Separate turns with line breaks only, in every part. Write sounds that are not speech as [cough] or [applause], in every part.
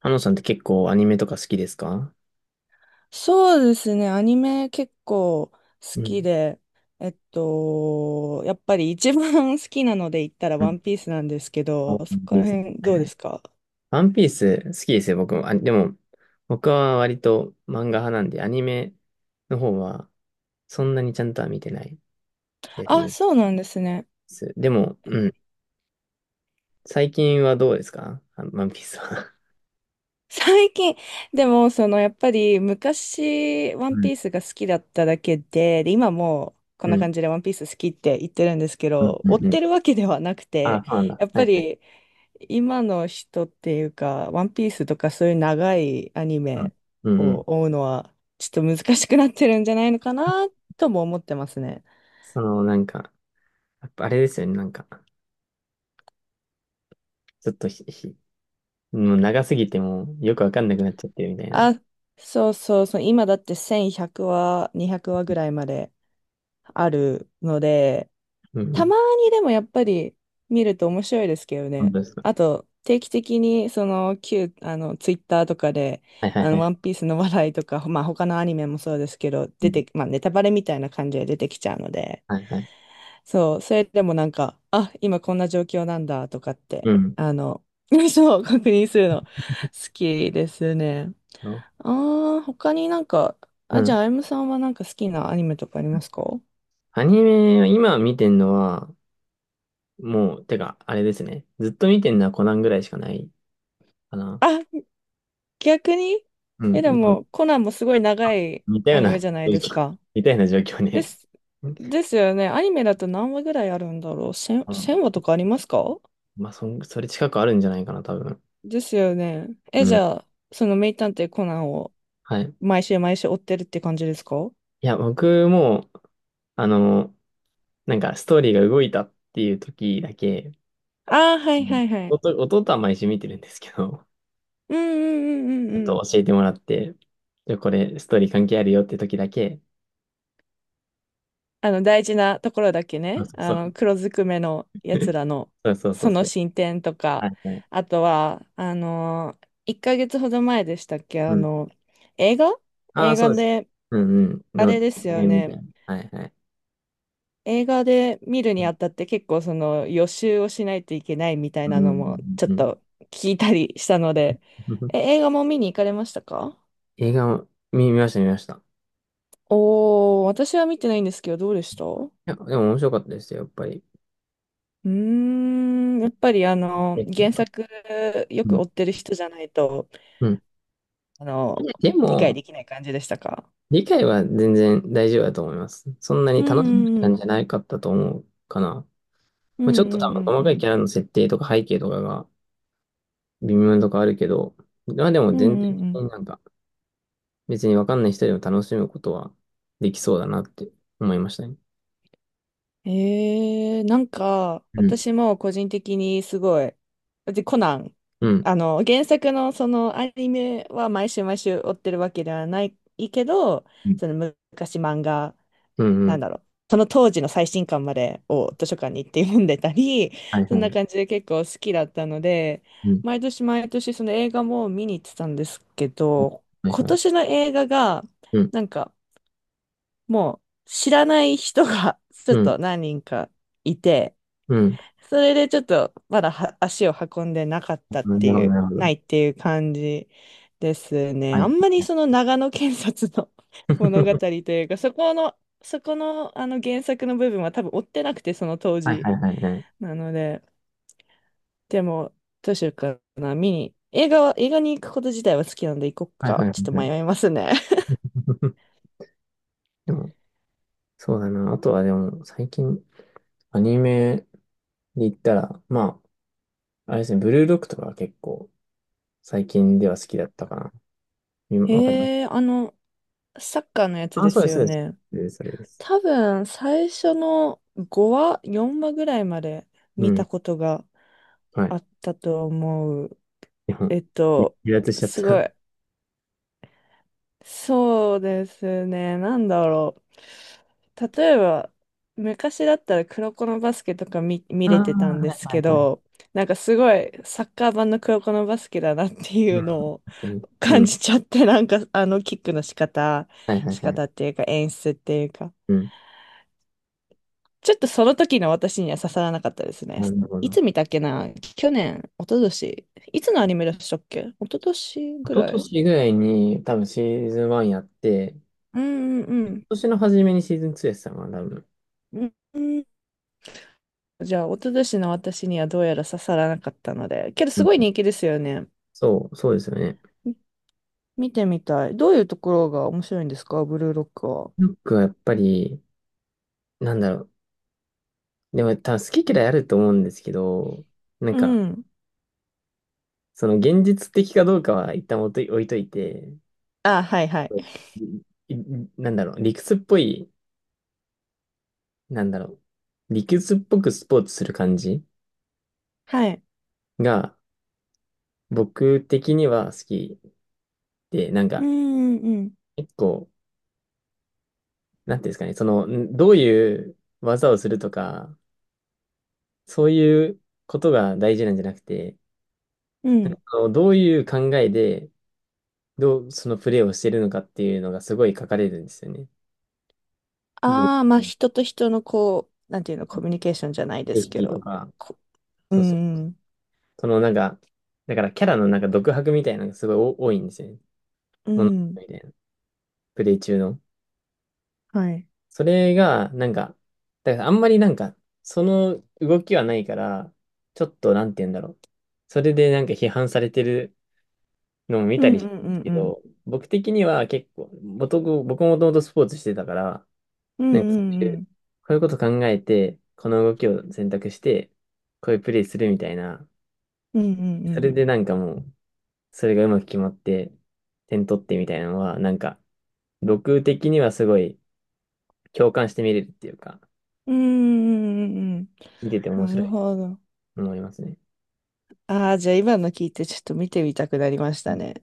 ハノさんって結構アニメとか好きですか？
そうですね、アニメ結構好
う
き
ん。
で、やっぱり一番 [laughs] 好きなので言ったら
う
ワ
ん。
ンピースなんですけ
あワン
ど、そこ
ピー
ら
ス。
辺
はい
どう
は
で
い。
すか？
ワンピース好きですよ、僕も。あ、でも、僕は割と漫画派なんで、アニメの方はそんなにちゃんとは見てないです
あ、
ね。
そうなんですね。
でも、うん。最近はどうですかあワンピースは？
最近、でも、その、やっぱり昔、ワ
う
ン
ん。
ピースが好きだっただけで、で、今もうこん
う
な
ん。
感じでワンピース好きって言ってるんですけ
うん。
ど、
う
追っ
んう
て
ん。
るわけではなく
あ、
て、
そうなんだ。
やっ
は
ぱ
いはい。
り、今の人っていうか、ワンピースとかそういう長いアニ
うん。
メ
うんう
を
ん。
追うのは、ちょっと難しくなってるんじゃないのかなとも思ってますね。
その、なんか、やっぱあれですよね、なんか、ちょっともう長すぎてもうよくわかんなくなっちゃってるみたいな。
あ、そうそうそう、今だって1100話、200話ぐらいまであるので、
うんう
た
ん。
まにでもやっぱり見ると面白いですけど
本
ね。
当です。
あと、定期的にその旧、ツイッターとかで、
はいはいは
ワ
い。
ンピースの話題とか、まあ他のアニメもそうですけど、
う
出
ん。
て、まあネタバレみたいな感じで出てきちゃうので、
はいはい。
そう、それでもなんか、あ、今こんな状況なんだとかって、
うん。
[laughs] そう、確認するの好きですね。
の。
ああ、他になんか、
う
あ、じゃあ、
ん。
あゆむさんはなんか好きなアニメとかありますか？
アニメは今見てんのは、もう、てか、あれですね。ずっと見てんのはコナンぐらいしかないかな。
あ、逆に。
う
え、
ん。
で
でも、
も、コナンもすごい長い
似たよ
ア
う
ニ
な
メ
状
じゃないです
況、
か。
[laughs] 似たような状況
で
ね。
す、
うん。
ですよね。アニメだと何話ぐらいあるんだろう。1000、話とかありますか？
まあ、それ近くあるんじゃないかな、多分。
ですよね。
う
え、じ
ん。
ゃあ、その名探偵コナンを
はい。
毎週毎週追ってるって感じですか？
いや、僕も、あの、なんか、ストーリーが動いたっていう時だけ、
ああ、はい
うん。
はいはい。
弟は毎週見てるんですけど、
うんうんうんう
ちょっ
んう
と
ん。
教えてもらって、じゃあこれ、ストーリー関係あるよって時だけ。
大事なところだけ
そう
ね。
そうそう。
黒ずくめのやつ
[laughs]
らの、
そうそうそう
その
そう。
進展と
は
か、
いはい。
あとは、1ヶ月ほど前でしたっけ、
うん。
映画
ああ、そうです。
で、
うんうん。
あ
の、
れですよ
辺みたい
ね。
な。はいはい。
映画で見る
う
に
ん
あたって結構その予習をしないといけないみたい
う
な
ん
のもちょ
う
っ
ん。うん。
と聞いたりしたので、え、
[laughs]
映画も見に行かれましたか？
映画を見ました見ました。い
おー、私は見てないんですけど、どうでした？
や、でも面白かったですよ、やっぱり。
うーん、やっぱり
え。
原作よ
う
く
ん。
追ってる人じゃないと、
うん。
あ
い
の、
やで
理解
も、
できない感じでしたか？
理解は全然大丈夫だと思います。そんなに
う
楽しめない
んう
感じ
ん
じゃないかったと思うかな。
うん。う
まあ、ちょっと
ん
多
う
分
ん
細
う
か
んう
いキ
ん。
ャラの設定とか背景とかが微妙なとこあるけど、まあでも
うん
全体
う
的
んう
になんか別にわかんない人でも楽しむことはできそうだなって思いましたね。
ん。えー、なんか、
うん。
私も個人的にすごい、で、コナン、
うん。
原作のそのアニメは毎週毎週追ってるわけではないけど、
うん
その昔漫画
うんう
なん
ん。
だろう、その当時の最新刊までを図書館に行って読んでたり、
はい
[laughs] そ
は
んな
い。
感じで結構好きだったので、
うん。
毎年毎年その映画も見に行ってたんですけど、
はい
今
はい。
年の映画が、
うん。
なんかもう知らない人が [laughs] ちょ
う
っ
ん。
と何人かいて、
うん。
それでちょっとまだは足を運んでなかったって
なるほ
い
ど、な
う、
るほ
ない
ど。
っていう感じですね。
は
あ
い
んまりその長野県察の [laughs] 物語というか、そこの、あの原作の部分は多分追ってなくて、その当
はい
時。
はいはいはいはい。
なので、でも、どうしようかな、見に。映画に行くこと自体は好きなんで行こっ
はいはい
か。
は
ちょっと
いはい。
迷いますね。
[laughs] でも、そうだな。あとはでも、最近、アニメで言ったら、まあ、あれですね、ブルーロックとかは結構、最近では好きだったかな。
[laughs]
今わかります。
へえ、サッカーのやつ
あ、
で
そう
す
です、そ
よ
う
ね。
です。それです、
多分、最初の5話、4話ぐらいまで
う
見た
ん。
ことが
は
あ
い。
ったと思う。
日本。
えっと、
離脱しちゃっ
すご
た。
い。そうですね。なんだろう。例えば、昔だったら黒子のバスケとか見
ああ、
れてたんです
はい
け
はいはい。
ど、なんかすごいサッカー版の黒子のバスケだなってい
う
う
ん、確
のを
かに。
[laughs]
う
感
ん。
じちゃって、なんかあのキックの仕方、
はいはいはい。
っていうか演出っていうか、
うん。
ちょっとその時の私には刺さらなかったですね。
なるほ
いつ
ど。
見たっけな去年、一昨年。いつのアニメでしたっけ？一昨年ぐ
一
ら
昨
い。
年ぐらいに多分シーズン1やって、
うんう
今
ん
年の初めにシーズン2やってたのかな、多分。
うん。うん。じゃあ、一昨年の私にはどうやら刺さらなかったので。けど、
う
すごい
ん。
人気ですよね。
そう、そうですよね。
み見てみたい。どういうところが面白いんですかブルーロックは。
ロックはやっぱり、なんだろう。でも多分好き嫌いあると思うんですけど、なん
う
か、
ん。
その現実的かどうかは一旦置いといて、
あ、はいはい。
そういいなんだろう、理屈っぽい、なんだろう、理屈っぽくスポーツする感じ
はい。
が、僕的には好き。で、なん
う
か、
んうん
結構、なんていうんですかね、その、どういう技をするとか、そういうことが大事なんじゃなくて、
うん。うん。
あのどういう考えで、どう、そのプレーをしてるのかっていうのがすごい書かれるんですよね。ブレ
ああ、まあ、人と人のこう、なんていうの、コミュニケーションじゃないです
イ
け
キと
ど。
か、
こう
そうそう。
んうん
そのなんか、だからキャラのなんか独白みたいなのがすごい多いんですよね。
う
物語
ん。
みたいな。プレイ中の。
はい。
それが、なんか、だからあんまりなんか、その動きはないから、ちょっとなんて言うんだろう。それでなんか批判されてるのも見
う
た
んう
りした
ん
ん
う
です
ん
け
うん。
ど、僕的には結構、僕もともとスポーツしてたから、
うん
なんかそ
う
うい
んう
う、こ
ん。
ういうこと考えて、この動きを選択して、こういうプレイするみたいな、
うんうんう
それ
ん。
でなんかもう、それがうまく決まって、点取ってみたいなのは、なんか、僕的にはすごい共感して見れるっていうか、
うんうんうん
見てて
う
面
ん。な
白
る
い。
ほど。
思いますね。
ああ、じゃあ今の聞いてちょっと見てみたくなりました
だ
ね。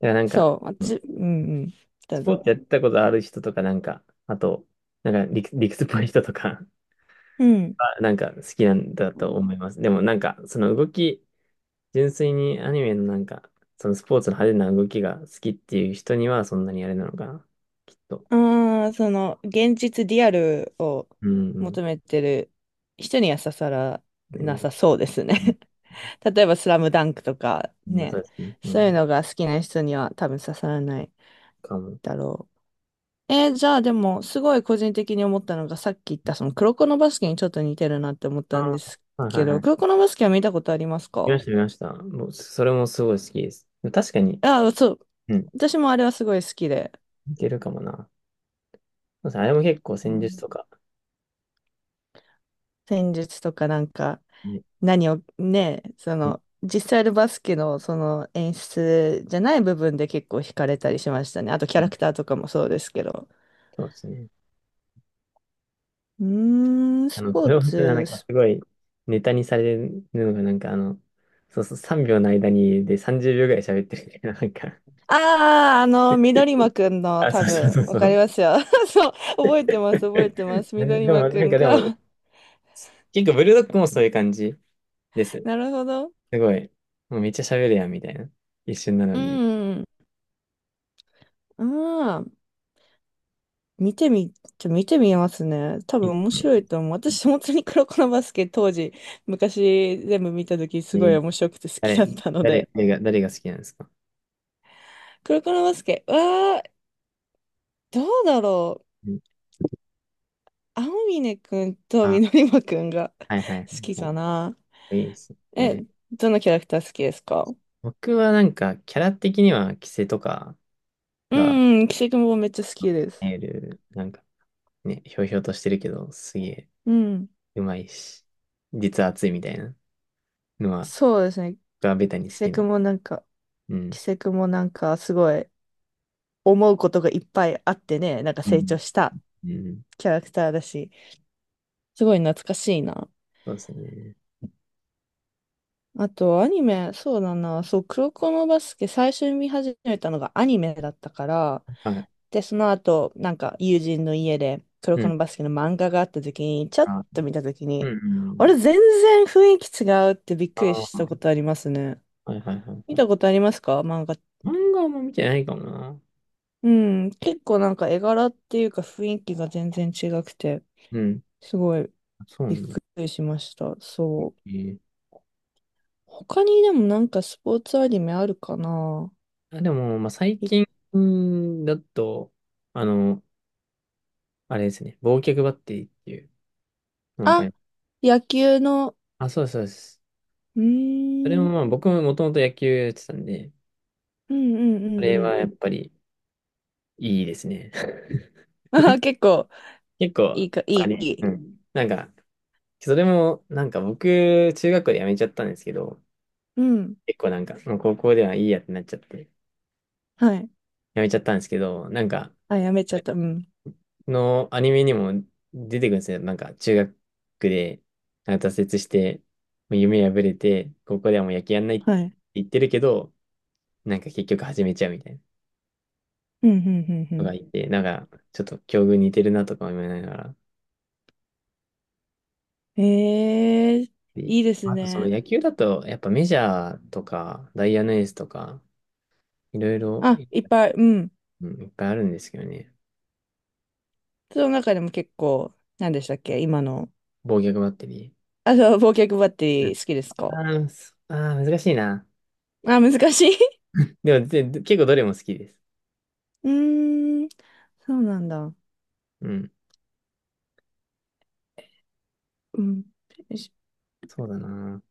からなんか、
そう、私、うんうん、ど
ス
う
ポ
ぞ。
ーツやったことある人とか、なんか、あと、なんか理屈っぽい人とか
うん。
は、なんか好きなんだと思います。でもなんか、その動き、純粋にアニメのなんか、そのスポーツの派手な動きが好きっていう人にはそんなにあれなのかな、きっと。
ああ、その、現実リアルを
うんうん。
求めてる人には刺さらな
ね。
さそうですね。
うん。
[laughs] 例えば、スラムダンクとか
まあそう
ね、
ですね。う
そういう
ん。
のが好きな人には多分刺さらない
かも。
だろう。えーじゃあでも、すごい個人的に思ったのが、さっき言ったその、黒子のバスケにちょっと似てるなって思っ
あ
たんです
あ、はいは
け
い
ど、
はい。
黒子のバスケは見たことあります
見ま
か？
した、見ました。もう、それもすごい好きです。確かに、
あ、そう。
うん。
私もあれはすごい好きで、
似てるかもな。そうですねあれも結構
う
戦術
ん、
とか、
戦術とかなんか、
ね。
何をね、そ
うん。
の、実際のバスケのその演出じゃない部分で結構惹かれたりしましたね。あとキャラクターとかもそうですけど。
そうですね。
うーん、
あ
ス
の、
ポー
豊橋はな
ツ、
んか
ス
すごいネタにされるのがなんかあの、そうそう、3秒の間に30秒ぐらい喋ってるみたいな、なんか。
ああ、緑間くんの
あ、
多
そうそう
分、
そう
わ
そ
かり
う。
ますよ。[laughs] そう、覚えてます、覚えてます。
[laughs]
緑
で
間
も、
く
なん
ん
かでも、
が。
結構ブルドッグもそういう感じで
[laughs]
す。
なるほど。
すごい。もうめっちゃ喋るやん、みたいな。一瞬なの
う
に。
ん、うん。見てみますね。多分
い
面白いと思う。私、本当に黒子のバスケ当時、昔全部見た時
え
すごい
ー。
面白くて好き
誰、
だったので。
誰が好きなんですか？
黒子のバスケ、わー、どうだろう。
うん。
青峰くんと
あ、
緑馬くんが
はいはいは
[laughs] 好き
いは
かな。
い。いいです
え、
ね。
どのキャラクター好きですか？
僕はなんか、キャラ的には、キセとか、
うん、キセクもめっちゃ好きです。
エーなんかね、ひょうひょうとしてるけど、すげえ
うん。
うまいし、実は熱いみたいなのは、
そうですね。
僕はベタに
キ
好
セ
きな。
クもなんか、
うん。
キセクもなんかすごい思うことがいっぱいあってね、なんか
う
成
ん。
長した
うん。
キャラクターだし。すごい懐かしいな。
そうですね。
あと、アニメ、そうだな、そう、黒子のバスケ、最初に見始めたのがアニメだったから、
はい。
で、その後、なんか、友人の家で、黒
う
子
ん。
のバスケの漫画があった時に、ちょっ
あ、
と見た時
うん、
に、
う
あ
ん。
れ、全然雰囲気違うってびっ
あ
くりしたこ
あ、
とありますね。
はいはいはい
見
は
たこ
い。
とありますか漫画？
漫画はあんま見てないかもな。
うん、結構なんか絵柄っていうか雰囲気が全然違くて、
うん。
すごい
そうな
びっ
んだ。
くりしました。
え
そう。
ー
他にでもなんかスポーツアニメあるかな？
あ、でも、まあ、最
い
近だと、あの、あれですね、忘却バッテリーっていうのがわかり
あ、
ます。
野球の、
あ、そうですそうです。
う
それ
ー
も
ん、
まあ、僕ももともと野球やってたんで、
うんうんう
あれ
んう
は
ん。
やっぱり、いいですね。[laughs]
[laughs] あ、結構、
結構、
い
あ
い。
れ、
い
う
い。
ん。なんか、それも、なんか僕、中学校で辞めちゃったんですけど、
うん。
結構なんか、もう高校ではいいやってなっちゃって、辞
はい。
めちゃったんですけど、なんか、
あ、やめちゃった。うん。
のアニメにも出てくるんですよ。なんか、中学で、なんか挫折して、もう夢破れて、高校ではもう野球やんないって
はい。
言ってるけど、なんか結局始めちゃうみたいな
うん、うん、う
のが
ん、
いて、なんか、ちょっと境遇似てるなとか思いながら、
うん。ええー、
で、
いいです
あとその
ね。
野球だと、やっぱメジャーとか、ダイヤのエースとか、いろいろ、
あ、いっぱい、うん。
うん、いっぱいあるんですけどね。
その中でも結構、何でしたっけ今の。
防御バッテリ
あ、そう、忘却バッテ
ー。
リー好きですか？
あーそあー、難しいな。
あ、難しい。
でも、結構どれも好きです。
[laughs] うーん、そうなんだ。
うん。
うん。
そうだな。